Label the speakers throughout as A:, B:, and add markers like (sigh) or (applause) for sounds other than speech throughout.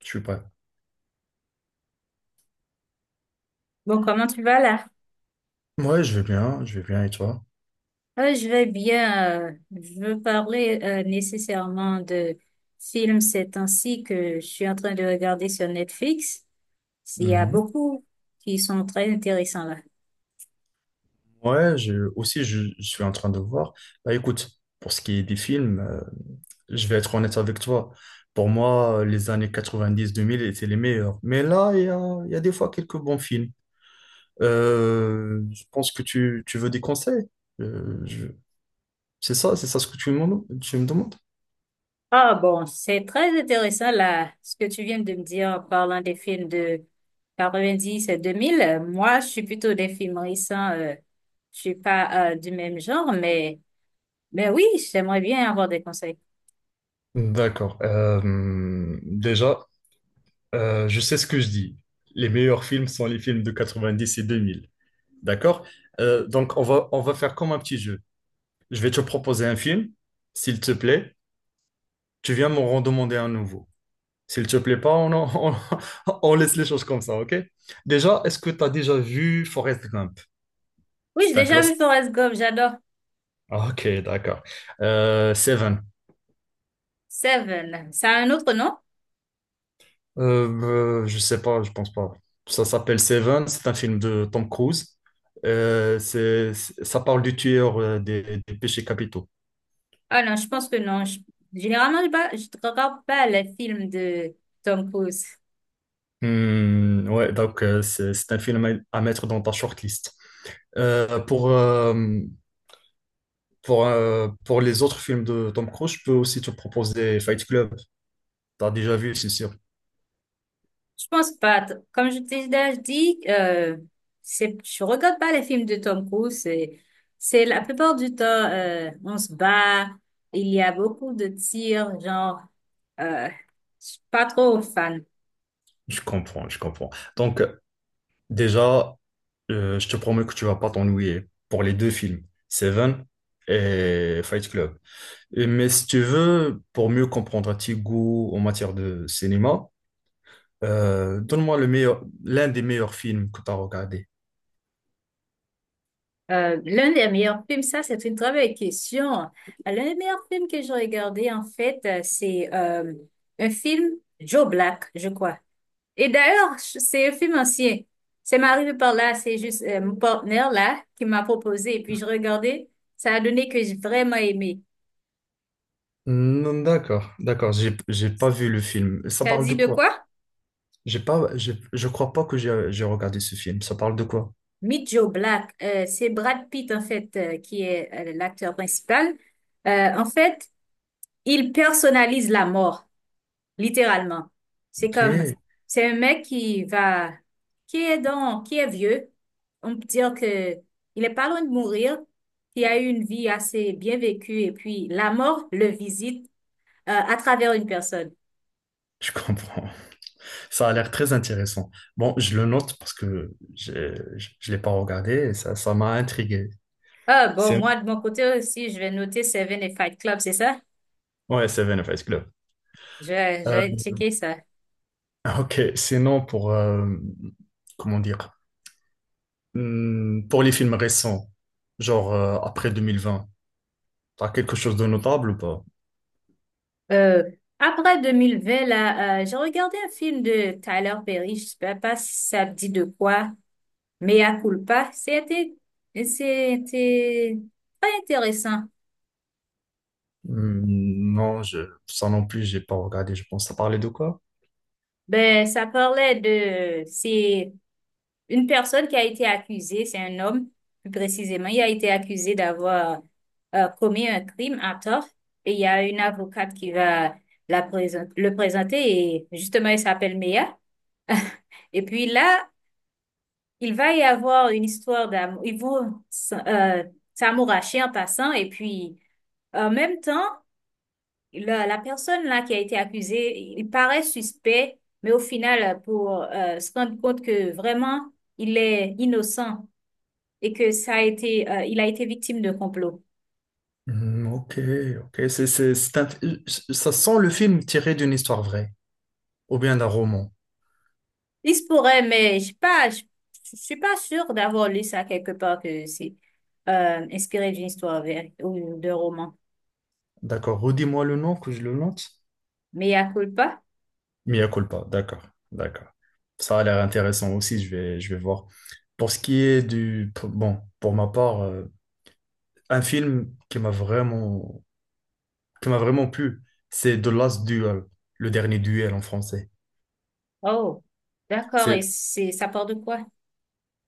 A: Je suis prêt.
B: Bon, comment tu vas là?
A: Ouais, je vais bien et toi?
B: Je vais bien. Je veux parler nécessairement de films ces temps-ci que je suis en train de regarder sur Netflix. Il y a
A: Mhm.
B: beaucoup qui sont très intéressants là.
A: Ouais, aussi, je suis en train de voir. Bah écoute, pour ce qui est des films, je vais être honnête avec toi. Pour moi, les années 90-2000 étaient les meilleures. Mais là, il y a des fois quelques bons films. Je pense que tu veux des conseils. Euh, je- c'est ça, ce que tu me demandes?
B: Ah bon, c'est très intéressant là, ce que tu viens de me dire en parlant des films de 90 et 2000. Moi, je suis plutôt des films récents. Je suis pas du même genre, mais oui, j'aimerais bien avoir des conseils.
A: D'accord. Déjà, je sais ce que je dis. Les meilleurs films sont les films de 90 et 2000. D'accord? Donc, on va faire comme un petit jeu. Je vais te proposer un film, s'il te plaît. Tu viens m'en redemander un nouveau. S'il te plaît pas, (laughs) on laisse les choses comme ça, ok? Déjà, est-ce que tu as déjà vu Forrest Gump?
B: Oui, j'ai
A: C'est un
B: déjà vu
A: classique.
B: Forrest Gump, j'adore.
A: Ok, d'accord. Seven.
B: Seven, c'est un autre nom?
A: Je sais pas, je pense pas. Ça s'appelle Seven, c'est un film de Tom Cruise. Ça parle du tueur, des péchés capitaux.
B: Ah non, je pense que non. Généralement, je ne regarde pas les films de Tom Cruise.
A: Hmm, ouais, donc, c'est un film à mettre dans ta shortlist. Euh, pour, euh, pour les autres films de Tom Cruise, je peux aussi te proposer Fight Club. T'as déjà vu, c'est sûr.
B: Je pense pas. Comme je t'ai déjà dit, c'est, je regarde pas les films de Tom Cruise. C'est la plupart du temps, on se bat. Il y a beaucoup de tirs, genre, je suis pas trop fan.
A: Je comprends, je comprends. Donc, déjà, je te promets que tu vas pas t'ennuyer pour les deux films, Seven et Fight Club. Mais si tu veux, pour mieux comprendre tes goûts en matière de cinéma, donne-moi l'un des meilleurs films que tu as regardé.
B: L'un des meilleurs films, ça c'est une très belle question. L'un des meilleurs films que j'ai regardé en fait, c'est un film Joe Black, je crois. Et d'ailleurs, c'est un film ancien. C'est m'arrivé par là, c'est juste mon partenaire là qui m'a proposé et puis je regardais. Ça a donné que j'ai vraiment aimé.
A: Hmm, d'accord, d'accord, j'ai pas vu le film. Ça
B: Ça
A: parle
B: dit
A: de
B: de
A: quoi?
B: quoi?
A: J'ai pas, j'ai- Je crois pas que j'ai regardé ce film. Ça parle de quoi?
B: Meet Joe Black. C'est Brad Pitt en fait qui est l'acteur principal. En fait, il personnalise la mort. Littéralement. C'est
A: Ok,
B: comme, c'est un mec qui va, qui est vieux. On peut dire que il est pas loin de mourir, qui a eu une vie assez bien vécue et puis la mort le visite à travers une personne.
A: je comprends. Ça a l'air très intéressant. Bon, je le note parce que je ne l'ai pas regardé et ça m'a intrigué.
B: Ah bon,
A: C'est...
B: moi de mon côté aussi, je vais noter Seven et Fight Club, c'est ça?
A: Ouais, Seven of Us Club.
B: Je
A: Euh,
B: vais checker ça.
A: ok, sinon comment dire, pour les films récents, genre, après 2020. T'as quelque chose de notable ou pas?
B: Euh, Après 2020, là, j'ai regardé un film de Tyler Perry, je sais pas si ça me dit de quoi. Mea culpa, c'était, c'était très intéressant.
A: Hmm, non, ça non plus, j'ai pas regardé. Je pense, ça parlait de quoi?
B: Ben, ça parlait de, c'est une personne qui a été accusée, c'est un homme, plus précisément, il a été accusé d'avoir commis un crime à tort. Et il y a une avocate qui va le présenter et justement, il s'appelle Mea. (laughs) Et puis là, il va y avoir une histoire d'amour. S'amouracher en passant. Et puis, en même temps, la personne là qui a été accusée, il paraît suspect, mais au final, pour se rendre compte que vraiment il est innocent et que ça a été, il a été victime de complot.
A: Hmm, ok, ok. Ça sent le film tiré d'une histoire vraie ou bien d'un roman.
B: Il se pourrait, mais je sais pas, je suis pas sûre d'avoir lu ça quelque part que c'est inspiré d'une histoire vraie ou d'un roman.
A: D'accord. Redis-moi le nom que je le note.
B: Mais à culpa?
A: Mia culpa, d'accord, d'accord. Ça a l'air intéressant aussi, je vais voir. Pour ce qui est du... pour- Bon, pour ma part, un film qui m'a vraiment, plu, c'est The Last Duel, le dernier duel en français.
B: Oh, d'accord. Et
A: C'est
B: c'est ça part de quoi?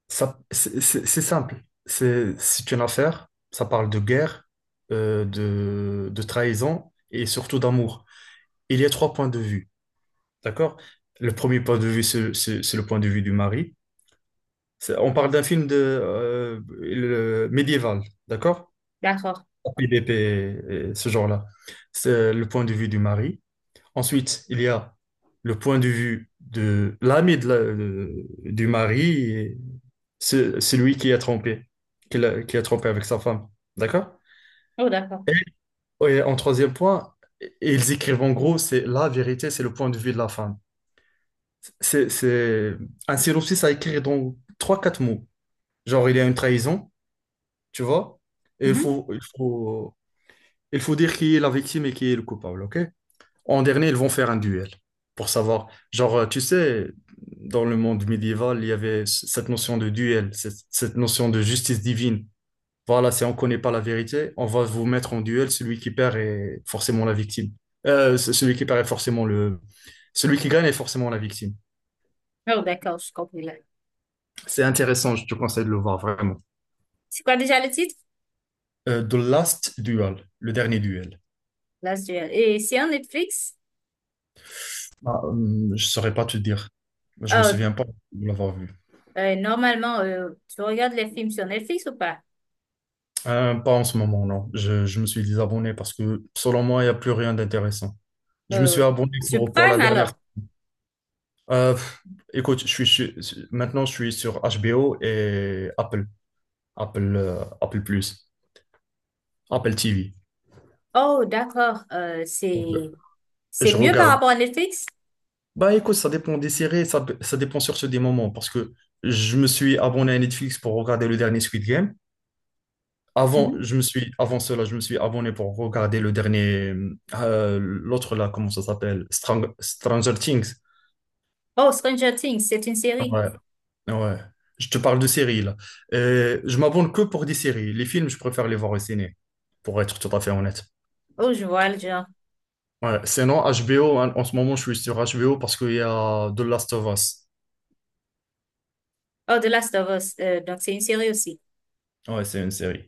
A: ça, c'est simple. C'est une affaire, ça parle de guerre, de trahison et surtout d'amour. Il y a trois points de vue, d'accord? Le premier point de vue, c'est le point de vue du mari. On parle d'un film de médiéval, d'accord?
B: D'accord.
A: PDP, et ce genre-là. C'est le point de vue du mari. Ensuite, il y a le point de vue de l'ami du mari, et celui qui a trompé, qui a trompé avec sa femme, d'accord?
B: Oh, d'accord.
A: Et en troisième point, ils écrivent en gros, c'est la vérité, c'est le point de vue de la femme. C'est c'est- un synopsis à écrire dans trois, quatre mots. Genre, il y a une trahison. Tu vois? Et il
B: Mhm.
A: faut, il faut, il faut dire qui est la victime et qui est le coupable, ok? En dernier, ils vont faire un duel pour savoir. Genre, tu sais, dans le monde médiéval, il y avait cette notion de duel, cette notion de justice divine. Voilà, si on ne connaît pas la vérité, on va vous mettre en duel. Celui qui perd est forcément la victime. Euh, c- celui qui perd est forcément le... Celui qui gagne est forcément la victime.
B: Oh, d'accord. Je comprends là.
A: C'est intéressant, je te conseille de le voir vraiment.
B: C'est quoi déjà le titre?
A: The Last Duel, le dernier duel.
B: Last Duel. Et c'est en Netflix?
A: Ah, je saurais pas te dire. Je me
B: Euh,
A: souviens pas de l'avoir vu.
B: Normalement, tu regardes les films sur Netflix ou pas?
A: Pas en ce moment, non. Je me suis désabonné parce que selon moi, il n'y a plus rien d'intéressant. Je me suis
B: Euh,
A: abonné
B: sur
A: pour la
B: Prime
A: dernière.
B: alors?
A: Pff, écoute, maintenant je suis sur HBO et Apple, Apple Plus, Apple TV.
B: Oh, d'accord. C'est
A: Donc,
B: c'est
A: je
B: mieux par
A: regarde.
B: rapport à Netflix?
A: Bah écoute, ça dépend des séries, ça dépend surtout des moments parce que je me suis abonné à Netflix pour regarder le dernier Squid Game. Avant,
B: Mhm.
A: avant cela, je me suis abonné pour regarder le dernier, l'autre là, comment ça s'appelle? Stranger Things.
B: Oh, Stranger Things, c'est une série.
A: Ouais, ouais. Je te parle de séries là. Je m'abonne que pour des séries. Les films, je préfère les voir au ciné, pour être tout à fait honnête.
B: Oh, je vois le genre.
A: Ouais, sinon, HBO, hein, en ce moment, je suis sur HBO parce qu'il y a The Last of Us.
B: Oh, The Last of Us, donc c'est une série aussi.
A: Ouais, c'est une série.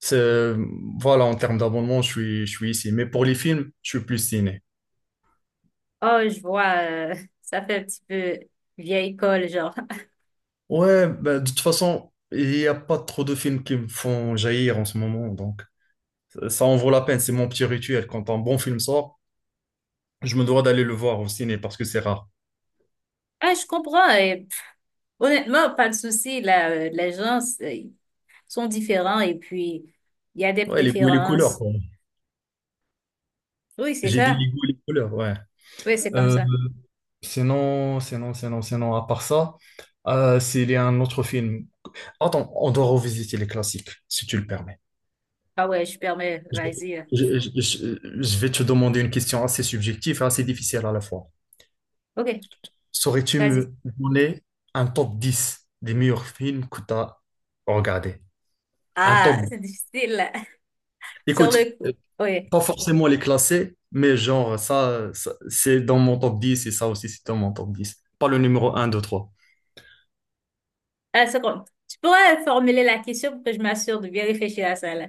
A: C'est, voilà, en termes d'abonnement, je suis ici. Mais pour les films, je suis plus ciné.
B: Oh, je vois, (laughs) ça fait un petit peu vieille école, genre.
A: Ouais, ben, de toute façon, il n'y a pas trop de films qui me font jaillir en ce moment, donc ça en vaut la peine, c'est mon petit rituel. Quand un bon film sort, je me dois d'aller le voir au ciné parce que c'est rare.
B: Ah, je comprends. Et honnêtement, pas de souci. Là, les gens sont différents et puis il y a des
A: Ouais, les goûts et les couleurs,
B: préférences.
A: quoi.
B: Oui, c'est
A: J'ai dit
B: ça.
A: les goûts et les couleurs, ouais.
B: Oui, c'est comme
A: Euh,
B: ça.
A: sinon, à part ça, s'il y a un autre film. Attends, on doit revisiter les classiques, si tu le permets.
B: Ah ouais, je permets.
A: Je,
B: Vas-y.
A: je vais te demander une question assez subjective et assez difficile à la fois.
B: Ok,
A: Saurais-tu
B: vas-y.
A: me donner un top 10 des meilleurs films que tu as regardés? Un
B: Ah,
A: top.
B: c'est difficile. (laughs) Sur
A: Écoute,
B: le
A: euh,
B: coup. Oui.
A: pas forcément les classer, mais genre, c'est dans mon top 10 et ça aussi, c'est dans mon top 10. Pas le numéro un, 2, 3.
B: Ah, seconde. Tu pourrais formuler la question pour que je m'assure de bien réfléchir à ça, là.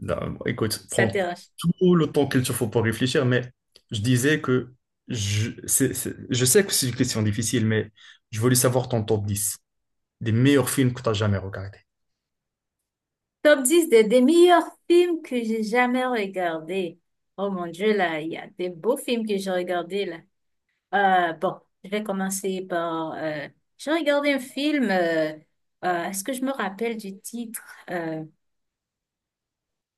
A: Là, écoute,
B: Ça te
A: prends
B: dérange.
A: tout le temps qu'il te faut pour réfléchir, mais je disais que je sais que c'est une question difficile, mais je voulais savoir ton top 10 des meilleurs films que tu as jamais regardés.
B: Top 10 de- des meilleurs films que j'ai jamais regardés. Oh mon Dieu, là, il y a des beaux films que j'ai regardés, là. Bon, je vais commencer par... j'ai regardé un film... est-ce que je me rappelle du titre? Euh,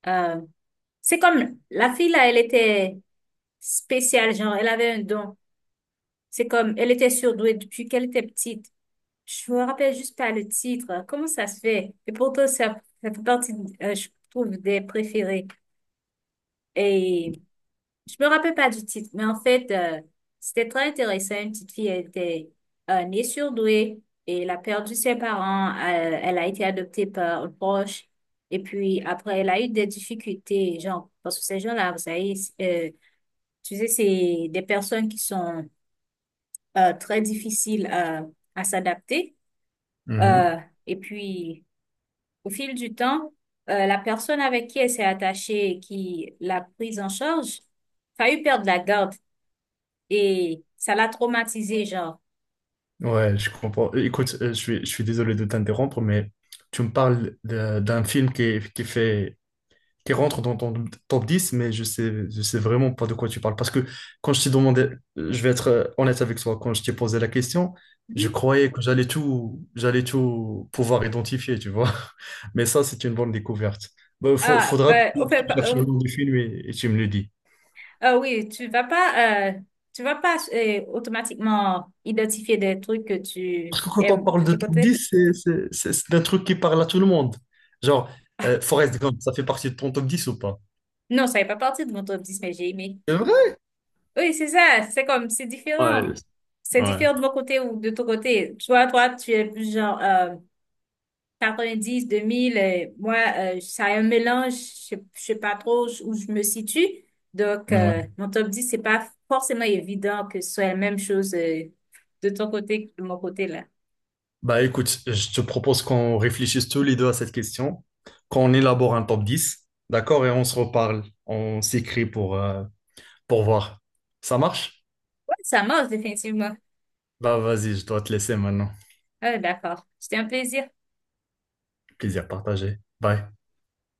B: Euh, c'est comme la fille là, elle était spéciale, genre, elle avait un don. C'est comme, elle était surdouée depuis qu'elle était petite. Je me rappelle juste pas le titre. Comment ça se fait? Et pourtant, ça fait partie, je trouve, des préférés. Et je me rappelle pas du titre, mais en fait, c'était très intéressant. Une petite fille elle était née surdouée et elle a perdu ses parents. Elle a été adoptée par un proche. Et puis après, elle a eu des difficultés, genre, parce que ces gens-là, vous savez, tu sais, c'est des personnes qui sont très difficiles à s'adapter. Euh, et puis, au fil du temps, la personne avec qui elle s'est attachée et qui l'a prise en charge, failli perdre la garde. Et ça l'a traumatisé genre.
A: Ouais, je comprends. Écoute, je suis désolé de t'interrompre, mais tu me parles d'un film qui, est- qui fait, qui rentre dans ton top 10, mais je sais vraiment pas de quoi tu parles. Parce que quand je t'ai demandé, je vais être honnête avec toi, quand je t'ai posé la question, je
B: Mhm.
A: croyais que j'allais tout pouvoir identifier, tu vois. (laughs) Mais ça, c'est une bonne découverte. Il
B: Ah,
A: faudra que
B: ben,
A: tu,
B: on
A: que
B: fait
A: tu
B: pas-
A: cherches le nom du film et tu me le dis.
B: Ah oui, tu vas pas automatiquement identifier des trucs que tu
A: Quand on
B: aimes de
A: parle de
B: ce
A: top
B: côté.
A: 10, c'est un truc qui parle à tout le monde. Genre, Forrest Gump, ça fait partie de ton top 10 ou pas?
B: Non, ça n'est pas partie de mon top 10, mais j'ai aimé.
A: C'est vrai?
B: Oui, c'est ça, c'est comme, c'est
A: Ouais,
B: différent. C'est
A: ouais.
B: différent de mon côté ou de ton côté. Toi, toi, tu es plus genre, 90, 2000, moi, ça a un mélange, je ne sais pas trop où je me situe. Donc,
A: Ouais.
B: mon top 10, c'est pas forcément évident que ce soit la même chose de ton côté que de mon côté là.
A: Bah écoute, je te propose qu'on réfléchisse tous les deux à cette question, qu'on élabore un top 10, d'accord? Et on se reparle, on s'écrit pour voir. Ça marche?
B: Ouais, ça marche définitivement.
A: Bah vas-y, je dois te laisser maintenant.
B: Ah, d'accord. C'était un plaisir.
A: Plaisir partagé. Bye.